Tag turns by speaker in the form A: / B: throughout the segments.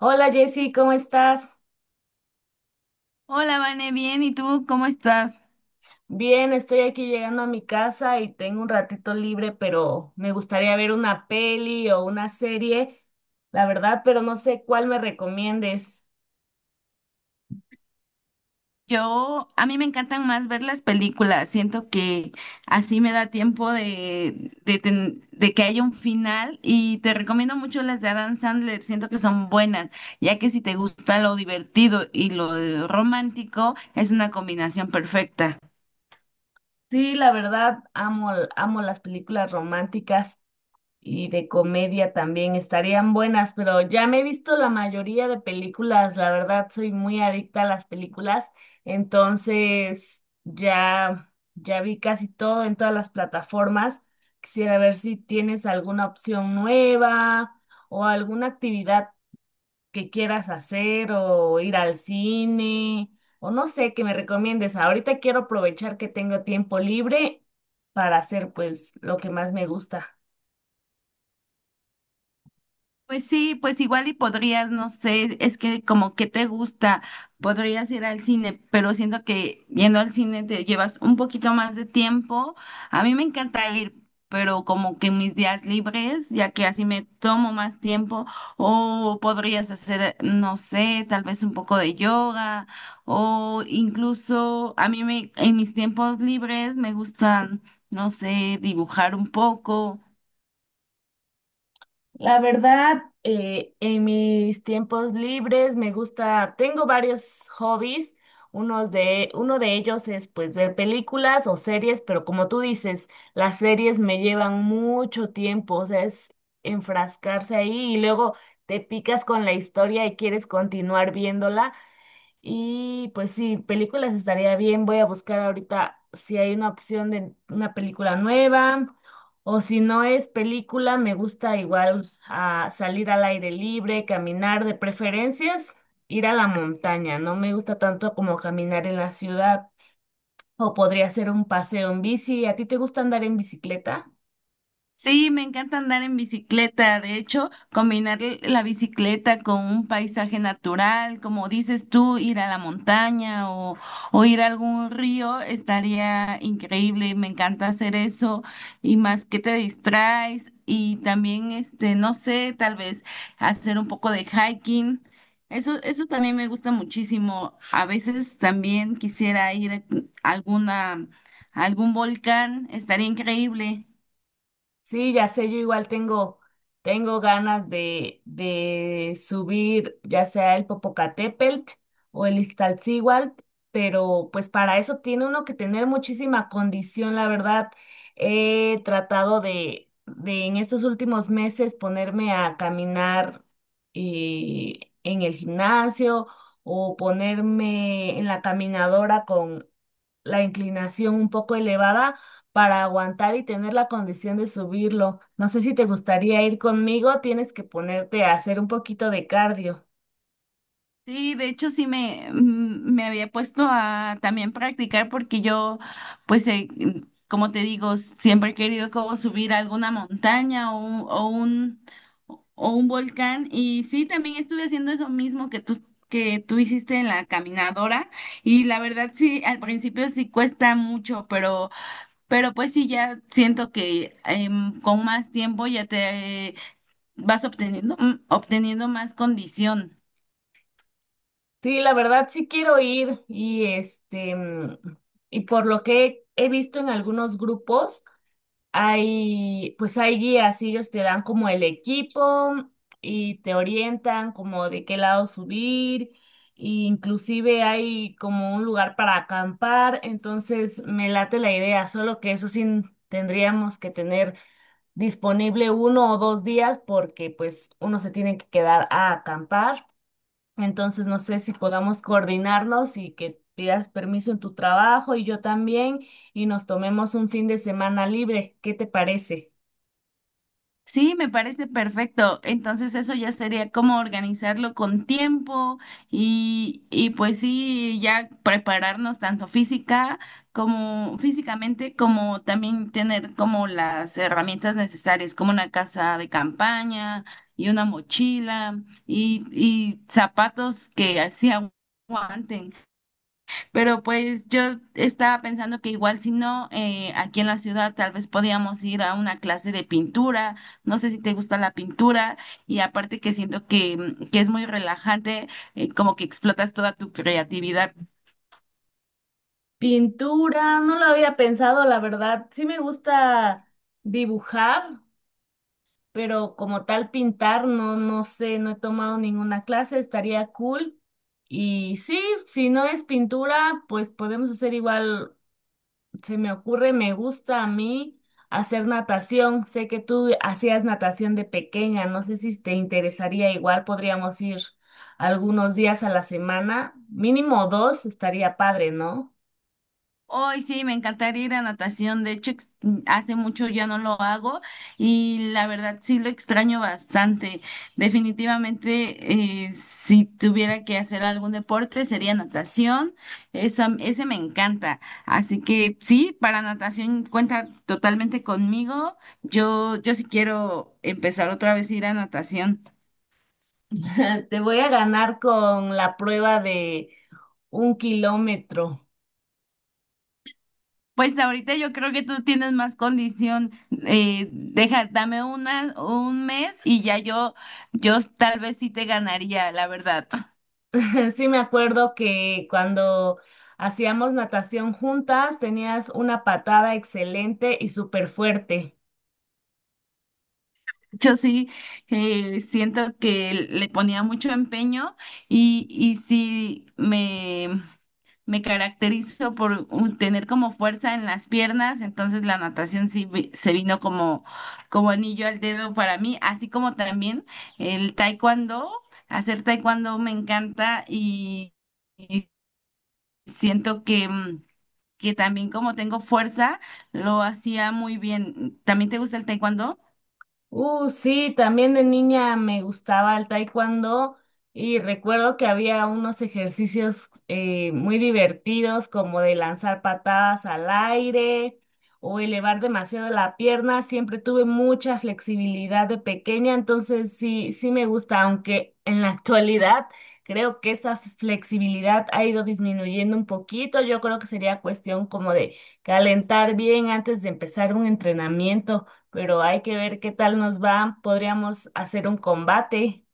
A: Hola Jessy, ¿cómo estás?
B: Hola, Vane, bien, ¿y tú cómo estás?
A: Bien, estoy aquí llegando a mi casa y tengo un ratito libre, pero me gustaría ver una peli o una serie, la verdad, pero no sé cuál me recomiendes.
B: A mí me encantan más ver las películas, siento que así me da tiempo de que haya un final y te recomiendo mucho las de Adam Sandler, siento que son buenas, ya que si te gusta lo divertido y lo romántico, es una combinación perfecta.
A: Sí, la verdad, amo, amo las películas románticas. Y de comedia también estarían buenas, pero ya me he visto la mayoría de películas, la verdad soy muy adicta a las películas, entonces ya vi casi todo en todas las plataformas. Quisiera ver si tienes alguna opción nueva o alguna actividad que quieras hacer o ir al cine o no sé, que me recomiendes. Ahorita quiero aprovechar que tengo tiempo libre para hacer pues lo que más me gusta.
B: Pues sí, pues igual y podrías, no sé, es que como que te gusta, podrías ir al cine, pero siento que yendo al cine te llevas un poquito más de tiempo. A mí me encanta ir, pero como que en mis días libres, ya que así me tomo más tiempo, o podrías hacer, no sé, tal vez un poco de yoga, o incluso a mí me, en mis tiempos libres me gustan, no sé, dibujar un poco.
A: La verdad, en mis tiempos libres me gusta, tengo varios hobbies. Uno de ellos es pues ver películas o series, pero como tú dices, las series me llevan mucho tiempo, o sea, es enfrascarse ahí y luego te picas con la historia y quieres continuar viéndola. Y pues sí, películas estaría bien. Voy a buscar ahorita si hay una opción de una película nueva o si no es película, me gusta igual salir al aire libre, caminar, de preferencias, ir a la montaña. No me gusta tanto como caminar en la ciudad o podría ser un paseo en bici. ¿A ti te gusta andar en bicicleta?
B: Sí, me encanta andar en bicicleta. De hecho, combinar la bicicleta con un paisaje natural, como dices tú, ir a la montaña o ir a algún río, estaría increíble. Me encanta hacer eso y más que te distraes y también, este, no sé, tal vez hacer un poco de hiking. Eso también me gusta muchísimo. A veces también quisiera ir a alguna, a algún volcán, estaría increíble.
A: Sí, ya sé, yo igual tengo ganas de subir ya sea el Popocatépetl o el Iztaccíhuatl, pero pues para eso tiene uno que tener muchísima condición, la verdad. He tratado de en estos últimos meses ponerme a caminar en el gimnasio o ponerme en la caminadora con la inclinación un poco elevada para aguantar y tener la condición de subirlo. No sé si te gustaría ir conmigo, tienes que ponerte a hacer un poquito de cardio.
B: Sí, de hecho sí me, me había puesto a también practicar porque yo, pues, como te digo, siempre he querido como subir a alguna montaña o un volcán. Y sí, también estuve haciendo eso mismo que tú hiciste en la caminadora. Y la verdad sí, al principio sí cuesta mucho, pero pues sí, ya siento que con más tiempo ya te vas obteniendo, obteniendo más condición.
A: Sí, la verdad sí quiero ir y este y por lo que he visto en algunos grupos hay, pues hay guías, y ellos te dan como el equipo y te orientan como de qué lado subir, e inclusive hay como un lugar para acampar, entonces me late la idea, solo que eso sí tendríamos que tener disponible uno o dos días porque pues uno se tiene que quedar a acampar. Entonces, no sé si podamos coordinarnos y que pidas permiso en tu trabajo y yo también y nos tomemos un fin de semana libre. ¿Qué te parece?
B: Sí, me parece perfecto. Entonces eso ya sería como organizarlo con tiempo y pues sí, ya prepararnos tanto física como físicamente, como también tener como las herramientas necesarias, como una casa de campaña y una mochila y zapatos que así aguanten. Pero pues yo estaba pensando que igual si no, aquí en la ciudad tal vez podíamos ir a una clase de pintura. No sé si te gusta la pintura y aparte que siento que es muy relajante, como que explotas toda tu creatividad.
A: Pintura, no lo había pensado, la verdad. Sí me gusta dibujar, pero como tal pintar, no, no sé, no he tomado ninguna clase, estaría cool. Y sí, si no es pintura, pues podemos hacer igual se me ocurre, me gusta a mí hacer natación. Sé que tú hacías natación de pequeña, no sé si te interesaría igual, podríamos ir algunos días a la semana, mínimo dos, estaría padre, ¿no?
B: Hoy sí, me encantaría ir a natación. De hecho, hace mucho ya no lo hago y la verdad sí lo extraño bastante. Definitivamente, si tuviera que hacer algún deporte, sería natación. Esa, ese me encanta. Así que sí, para natación cuenta totalmente conmigo. Yo sí quiero empezar otra vez a ir a natación.
A: Te voy a ganar con la prueba de un kilómetro.
B: Pues ahorita yo creo que tú tienes más condición. Dame un mes y ya yo tal vez sí te ganaría, la verdad.
A: Sí me acuerdo que cuando hacíamos natación juntas tenías una patada excelente y súper fuerte.
B: Yo sí siento que le ponía mucho empeño y sí me caracterizo por tener como fuerza en las piernas, entonces la natación se vino como, como anillo al dedo para mí, así como también el taekwondo, hacer taekwondo me encanta y siento que, que también como tengo fuerza, lo hacía muy bien. ¿También te gusta el taekwondo?
A: Sí, también de niña me gustaba el taekwondo y recuerdo que había unos ejercicios muy divertidos como de lanzar patadas al aire o elevar demasiado la pierna. Siempre tuve mucha flexibilidad de pequeña, entonces sí, sí me gusta, aunque en la actualidad creo que esa flexibilidad ha ido disminuyendo un poquito. Yo creo que sería cuestión como de calentar bien antes de empezar un entrenamiento pero hay que ver qué tal nos va. Podríamos hacer un combate.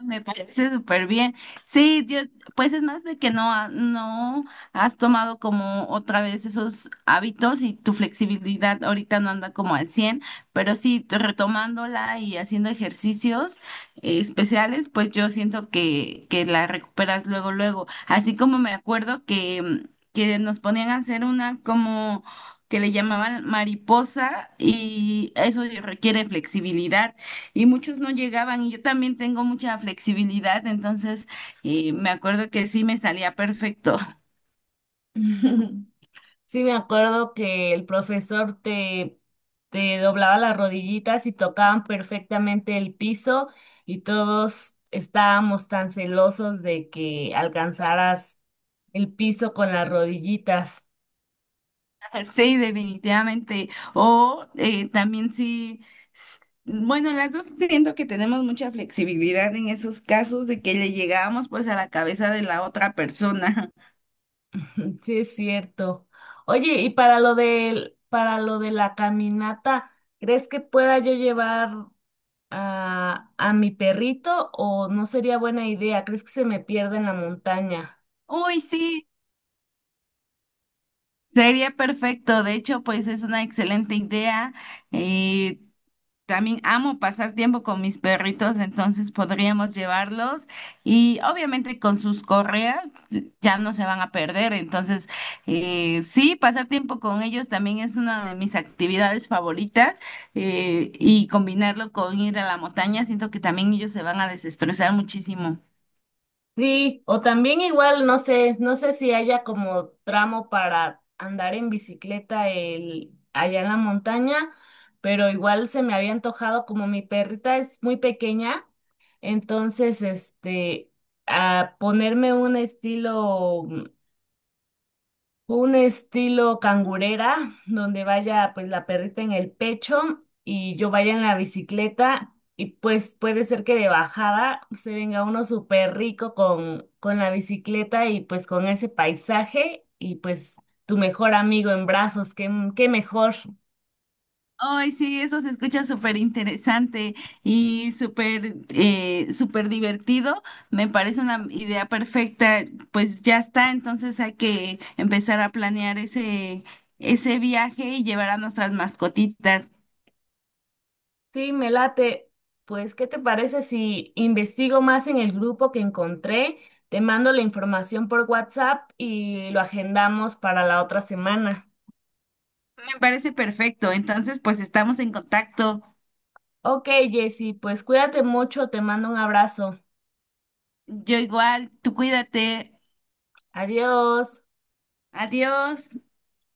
B: Me parece súper bien. Sí, yo, pues es más de que no, no has tomado como otra vez esos hábitos y tu flexibilidad ahorita no anda como al cien, pero sí, retomándola y haciendo ejercicios especiales, pues yo siento que la recuperas luego, luego. Así como me acuerdo que nos ponían a hacer una como que le llamaban mariposa y eso requiere flexibilidad y muchos no llegaban y yo también tengo mucha flexibilidad, entonces me acuerdo que sí me salía perfecto.
A: Sí, me acuerdo que el profesor te, te doblaba las rodillitas y tocaban perfectamente el piso y todos estábamos tan celosos de que alcanzaras el piso con las rodillitas.
B: Sí, definitivamente, o también sí, s- bueno, las dos siento que tenemos mucha flexibilidad en esos casos de que le llegábamos pues a la cabeza de la otra persona.
A: Sí, es cierto. Oye, y para lo de la caminata, ¿crees que pueda yo llevar a mi perrito o no sería buena idea? ¿Crees que se me pierda en la montaña?
B: Uy, sí, sería perfecto, de hecho pues es una excelente idea. eh, También amo pasar tiempo con mis perritos, entonces podríamos llevarlos y obviamente con sus correas ya no se van a perder. Entonces, sí, pasar tiempo con ellos también es una de mis actividades favoritas, y combinarlo con ir a la montaña, siento que también ellos se van a desestresar muchísimo.
A: Sí, o también igual, no sé, no sé si haya como tramo para andar en bicicleta el, allá en la montaña, pero igual se me había antojado como mi perrita es muy pequeña, entonces este, a ponerme un estilo un estilo cangurera, donde vaya pues la perrita en el pecho y yo vaya en la bicicleta y pues puede ser que de bajada se venga uno súper rico con la bicicleta y pues con ese paisaje y pues tu mejor amigo en brazos, qué, qué mejor.
B: Ay, sí, eso se escucha súper interesante y súper súper divertido. Me parece una idea perfecta. Pues ya está, entonces hay que empezar a planear ese, ese viaje y llevar a nuestras mascotitas.
A: Sí, me late. Pues, ¿qué te parece si investigo más en el grupo que encontré? Te mando la información por WhatsApp y lo agendamos para la otra semana.
B: Me parece perfecto. Entonces, pues estamos en contacto.
A: Ok, Jessy, pues cuídate mucho, te mando un abrazo.
B: Yo igual, tú cuídate.
A: Adiós.
B: Adiós.